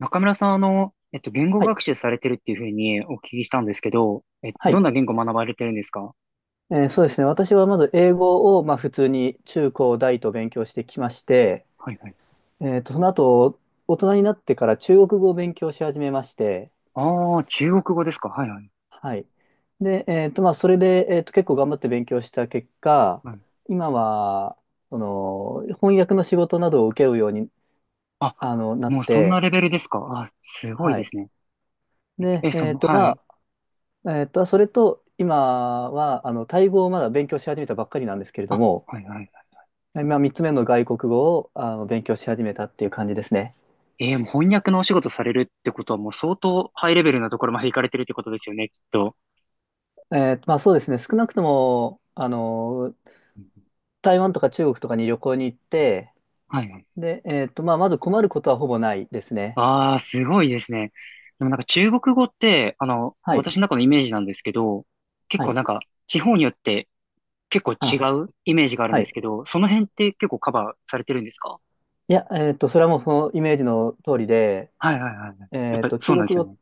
中村さん、言語はい。学習されてるっていうふうにお聞きしたんですけど、はどんい。な言語学ばれてるんですか？そうですね。私はまず英語を、まあ、普通に中高大と勉強してきまして、はいはい。その後、大人になってから中国語を勉強し始めまして、ああ、中国語ですか、はいはい。はい。で、それで、結構頑張って勉強した結果、はい。今は、その、翻訳の仕事などを受けるように、あ、なっもうそんなて、レベルですか、あ、すごいはでい。すね。で、え、その、はい。それと、今は、タイ語をまだ勉強し始めたばっかりなんですけれどあ、も、はいはい。今3つ目の外国語を勉強し始めたっていう感じですね。もう翻訳のお仕事されるってことはもう相当ハイレベルなところまで行かれてるってことですよね、きっと。まあそうですね、少なくとも、うん、台湾とか中国とかに旅行に行って、はいはい。で、まあまず困ることはほぼないですね。ああ、すごいですね。でもなんか中国語って、あの、はい、私の中のイメージなんですけど、結は構い、なんか地方によって結構違あ、うイメージがあるんはですい。けど、その辺って結構カバーされてるんですか？いや、それはもうそのイメージの通りで、はいはいはいはい。やっぱり中そうな国んですよ語、ね。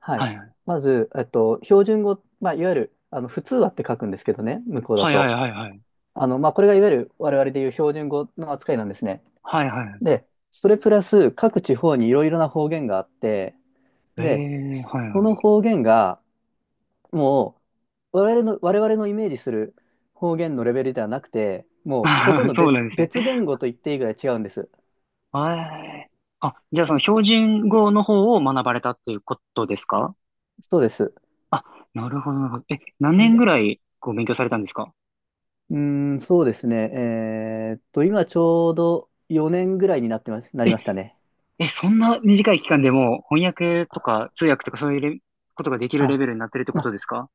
はい。はいはい。まず、標準語、まあいわゆる、普通話って書くんですけどね、向こうだはいはいと。はいはい。まあこれがいわゆる我々でいう標準語の扱いなんですね。はいはいはい。で、それプラス各地方にいろいろな方言があって、えで、え、はいそのは方言がもう我々のイメージする方言のレベルではなくて、い。もうほとん どそうなんですね。別言語と言っていいぐらい違うんです。はい。あ、じゃあそでのも標準語の方を学ばれたっていうことですか？そうです。あ、なるほどなるほど。何年ぐで、らいこう勉強されたんですか？うーん、そうですね。今ちょうど4年ぐらいになってます、なえ、りましたね。そんな短い期間でもう翻訳とか通訳とかそういうことができるレあ、ベルになってるってこまとあ、ですか？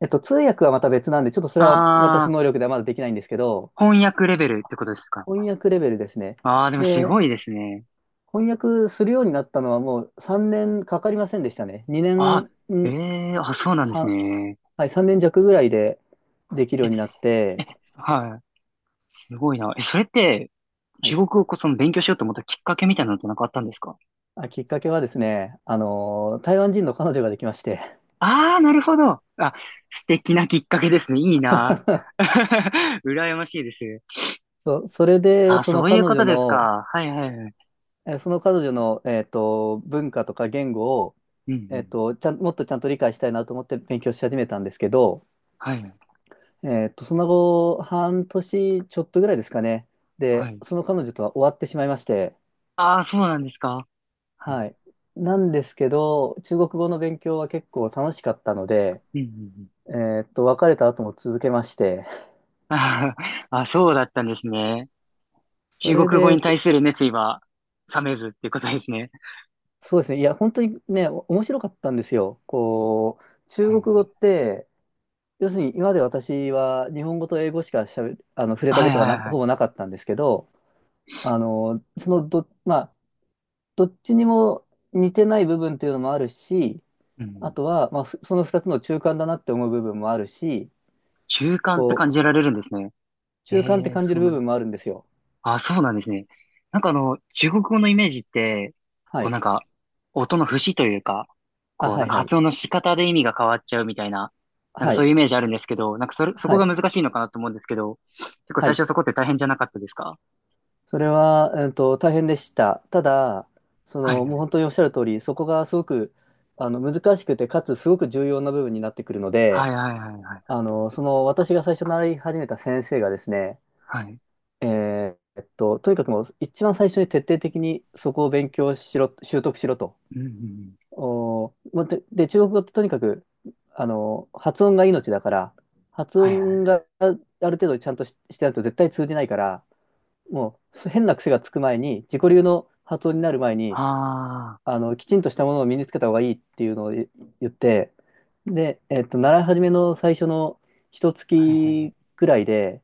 通訳はまた別なんで、ちょっとそれは私のああ能力ではまだできないんですけど、ー、翻訳レベルってことですか？翻訳レベルですね。ああ、でもすで、ごいですね。翻訳するようになったのはもう3年かかりませんでしたね。2あ、ええ、あ、そうなんで年す半、ね。はい、3年弱ぐらいでできるえようになっえ、て、はい。すごいな。え、それって、は中い、国語をその勉強しようと思ったきっかけみたいなのってなんかあったんですか？あ、きっかけはですね、台湾人の彼女ができまして、ああー、なるほど。あ、素敵なきっかけですね。いいな。羨ましいです。それでああ、そそのういう彼こと女ですの、か。はいはいはい。え、その彼女の、文化とか言語を、うんうえっん。と、ちゃん、もっとちゃんと理解したいなと思って勉強し始めたんですけど、はい。その後、半年ちょっとぐらいですかね。はで、い。その彼女とは終わってしまいまして、ああ、そうなんですか。はい。はい。なんですけど、中国語の勉強は結構楽しかったので、うんうんうん。別れた後も続けまして、あーあ、そうだったんですね。そ中れ国語で、に対する熱意は冷めずっていうことですね。そうですね、いや、本当にね、面白かったんですよ。こう、中は国語っい。て、要するに今まで私は日本語と英語しかしゃべ、あの、触れたはいことはいほはぼい。なかったんですけど、あの、そのど、まあ、どっちにも似てない部分というのもあるし、うあん。とは、まあ、その2つの中間だなって思う部分もあるし、習慣って感こじらう、れるんですね。中間ってええ感じそるうな部ん、分もあるんですよ。あ、そうなんですね。なんかあの、中国語のイメージって、はこうい。なんか、音の節というか、あ、こうはなんいかはい。発音の仕方で意味が変わっちゃうみたいな、なんはかそういうい。イメージあるんですけど、そこはがい。難しいのかなと思うんですけど、結構は最い。初そこって大変じゃなかったですか？それは、大変でした。ただ、そはいの、はもうい。本当におっしゃる通り、そこがすごく、難しくて、かつすごく重要な部分になってくるのはいで、はいはいはい。私が最初習い始めた先生がですね、はい。とにかくもう一番最初に徹底的にそこを勉強しろ、習得しろと。うんうんうん。おー、もうで、で中国語ってとにかく、発音が命だから、発はいは音い。がある程度ちゃんとし、してないと絶対通じないから、もうそ変な癖がつく前に、自己流の発音になる前に、ああ。きちんとしたものを身につけた方がいいっていうのを言って、で、習い始めの最初の一はいは月い、ぐらいで、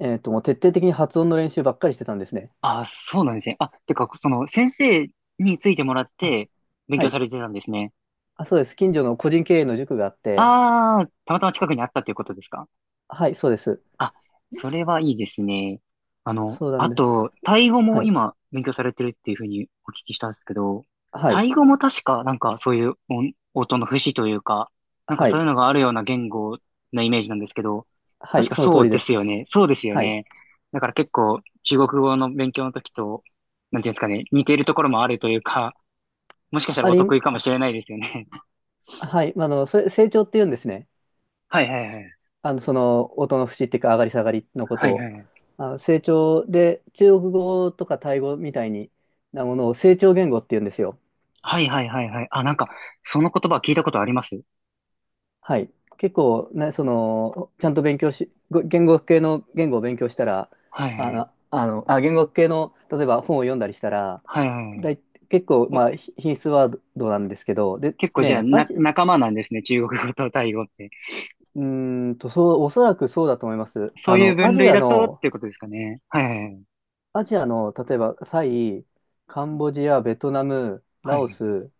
もう徹底的に発音の練習ばっかりしてたんですね。あ、そうなんですね。その、先生についてもらっあ、て、勉は強さい。れてたんですね。あ、そうです。近所の個人経営の塾があって、ああ、たまたま近くにあったということですか？はい、そうです。あ、それはいいですね。あの、そうなんあでと、す。タイ語はもい。今、勉強されてるっていうふうにお聞きしたんですけど、はタイい。語も確か、なんか、そういう音、音の節というか、なんかはそういい。うのがあるような言語のイメージなんですけど、は確い。かそのそ通うりでですよす。ね。そうですよはい。ね。だから結構、中国語の勉強の時と、なんていうんですかね、似ているところもあるというか、もしかしたらあおり、得意かもしれないですよね。はい。それ、成長って言うんですね。はいはいはい。音の節っていうか、上がり下がりのこはといを。はいはい。あ、成長で、中国語とかタイ語みたいにものを成長言語って言うんですよ。はいはいはいはい。あ、なんか、その言葉聞いたことあります。はい。結構、ね、その、ちゃんと勉強し、ご言語学系の言語を勉強したら、はいはいはい。言語学系の、例えば本を読んだりしたら、はいはい、だい、結構、おまあ、品質ワードなんですけど、で、結構じゃあ、ね、仲間なんですね。中国語とタイ語って。うーんと、そう、おそらくそうだと思います。そういう分類だとっていうことですかね。はいはいはい。アジアの、例えば、カンボジア、ベトナム、はラオいス、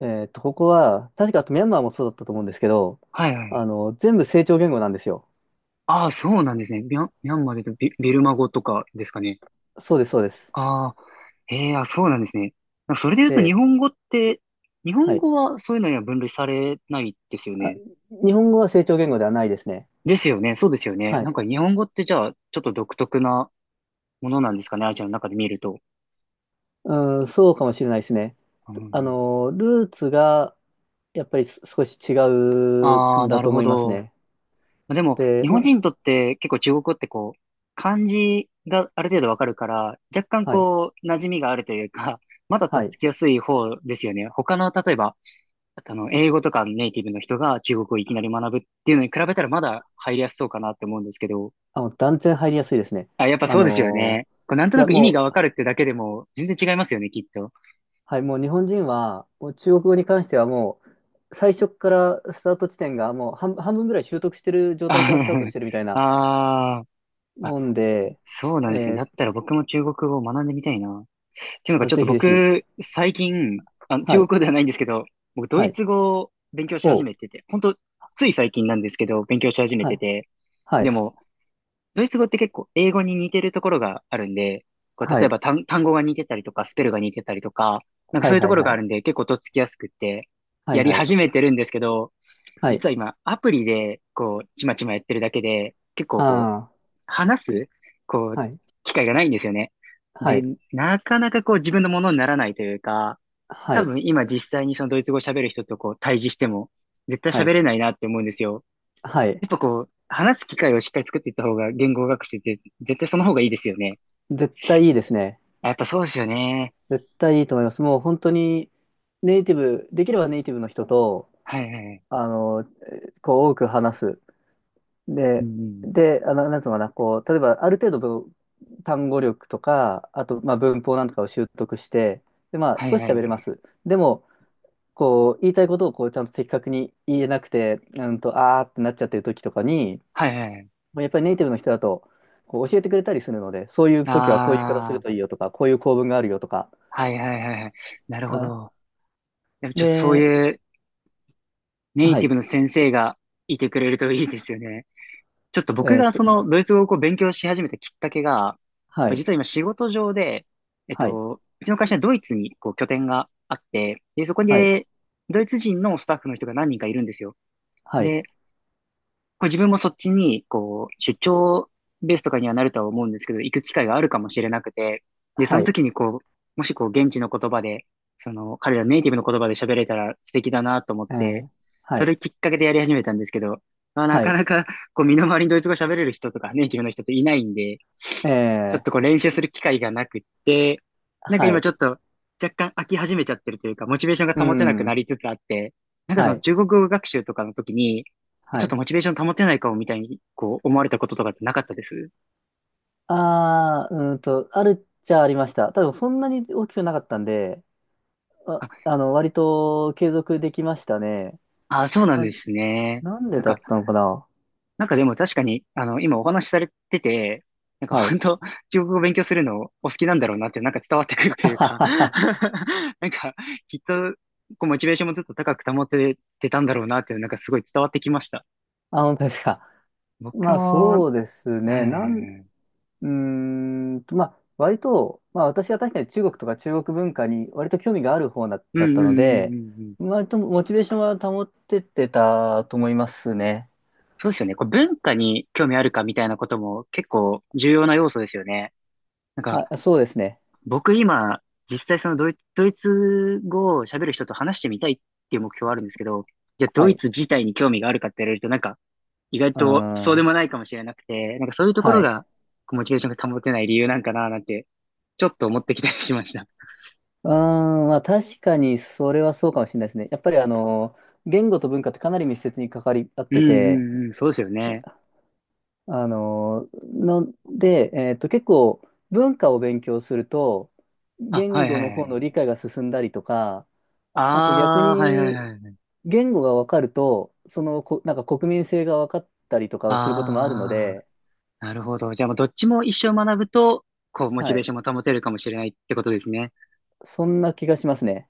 ここは、確かあとミャンマーもそうだったと思うんですけど、はいはい。全部成長言語なんですよ。ああ、そうなんですね。ミャンマーで言うとビルマ語とかですかね。そうです、そうです。ああ、ええ、あ、そうなんですね。それで言うと日で、本語って、日は本い。語はそういうのには分類されないですよあ、ね。日本語は成長言語ではないですね。ですよね。そうですよね。はなんい。か日本語ってじゃあ、ちょっと独特なものなんですかね。アジアの中で見ると。うん、そうかもしれないですね。うん、ルーツが、やっぱり少し違うあんあ、なだとる思ほいますど。ね。でも、で、日本ま、人にとって結構中国語ってこう、漢字がある程度わかるから、若干はい。こう、馴染みがあるというか、まだとはっい。つきやすい方ですよね。他の、例えば、あの、英語とかネイティブの人が中国語をいきなり学ぶっていうのに比べたらまだ入りやすそうかなって思うんですけど。あ、もう断然入りやすいですね。あ、やっぱあそうですよのね。こうなんといなや、く意味もがわう、かるってだけでも全然違いますよね、きっと。はい、もう日本人は、もう中国語に関してはもう、最初からスタート地点がもう半分ぐらい習得してる状態からスタートし てるみたいなあーあ、もんで、そうなえんですね。だっーたら僕も中国語を学んでみたいな。っていうのがあ、ちょっぜとひぜひ、僕、最近、あ、は中国い、語ではないんですけど、僕、ドはイい、ツ語を勉強しお始う、めてて、本当つい最近なんですけど、勉強し始めはてい、て、はでい、も、ドイツ語って結構英語に似てるところがあるんで、こうは例えい、ば単語が似てたりとか、スペルが似てたりとか、なんかはそうい、いうとはい、ころがはあい、るんで、結構とっつきやすくって、はやい、りはい、始めてるんですけど、はい、実は今、アプリで、こう、ちまちまやってるだけで、結構こう、あ話す、こあ、う、はい、機会がないんですよね。はで、い、なかなかこう自分のものにならないというか、は多い、分今実際にそのドイツ語を喋る人とこう対峙しても、絶対は喋い、れないなって思うんですよ。はい、やっぱこう、話す機会をしっかり作っていった方が言語学習って絶対その方がいいですよね。絶対いいですね。あ、やっぱそうですよね。絶対いいと思います。もう本当に、ネイティブ、できればネイティブの人と、はいはい。あの、こう多く話す。うで、んうん。で、なんつうのかな、こう、例えばある程度単語力とか、あと、まあ、文法なんとかを習得して、で、まあ、はい少はし喋れい。ます。でも、こう、言いたいことをこう、ちゃんと的確に言えなくて、うんと、あーってなっちゃってる時とかに、はいはい。もうやっぱりネイティブの人だと、こう、教えてくれたりするので、そういう時はこういう言い方すあるあ、といいよとか、こういう構文があるよとか。はいはいはいはい。なるほど。あ、やっぱちょっとそうで、いうネイはティブい。の先生がいてくれるといいですよね。ちょっと僕えーっがそと、のドイツ語をこう勉強し始めたきっかけが、はこれい、実は今仕事上で、えっはい、と、うちの会社はドイツにこう拠点があって、で、そこはい、でドイツ人のスタッフの人が何人かいるんですよ。はい、で、こう自分もそっちに、こう、出張ベースとかにはなるとは思うんですけど、行く機会があるかもしれなくて、で、そはのい、時にこう、もしこう、現地の言葉で、その、彼らネイティブの言葉で喋れたら素敵だなと思っえて、ーはそい。れきっかけでやり始めたんですけど、まあ、なはかい。なか、こう、身の回りにドイツ語喋れる人とか、ネイティブの人っていないんで、えちょっえ、とこう、練習する機会がなくって、なんかは今い。ちょっと、若干飽き始めちゃってるというか、モチベーションうが保てなくなん。りつつあって、なんかそはのい。中国語学習とかの時に、あはちょっとい。モチベーション保てないかもみたいに、こう、思われたこととかってなかったですああ、うーんと、あるっちゃありました。ただ、そんなに大きくなかったんで、あ、割と継続できましたね。あ、そうなんまあ、ですね。なんでなんだか、ったのかななんかでも確かに、あの、今お話しされてて、なんかはい。本当、中国語を勉強するのお好きなんだろうなってなんか伝わってくる とはいうはか。 はは なんか、きっと、こう、モチベーションもずっと高く保ててたんだろうなっていう、なんかすごい伝わってきました。あ、本当ですか。僕まあ、も、そうですうね。なん、うん、ーんと、まあ、割と、まあ、私は確かに中国とか中国文化に割と興味があるうんだうっんたうんうので、んうん。割とモチベーションは保ってってたと思いますね。そうですよね。こう文化に興味あるかみたいなことも結構重要な要素ですよね。は、そうですね。僕今、実際そのドイツ語を喋る人と話してみたいっていう目標はあるんですけど、じゃあはドイい。ツ自体に興味があるかって言われると、なんか意外うーとそうでん。もないかもしれなくて、なんかそういうとこはろい。がこうモチベーションが保てない理由なんかななんて、ちょっと思ってきたりしました。うーん。まあ確かにそれはそうかもしれないですね。やっぱり言語と文化ってかなり密接に関わり合っうんてて、うんうん、そうですよね。あの、ので、結構文化を勉強すると、あ、言はい語はいのは方のい。理解が進んだりとか、あと逆ああ、はいはいはにいはい。言語が分かると、そのこ、なんか国民性が分かったりとかをすることもあるのああ、で、なるほど。じゃあもうどっちも一生学ぶと、こうモチはベーい。ションも保てるかもしれないってことですね。そんな気がしますね。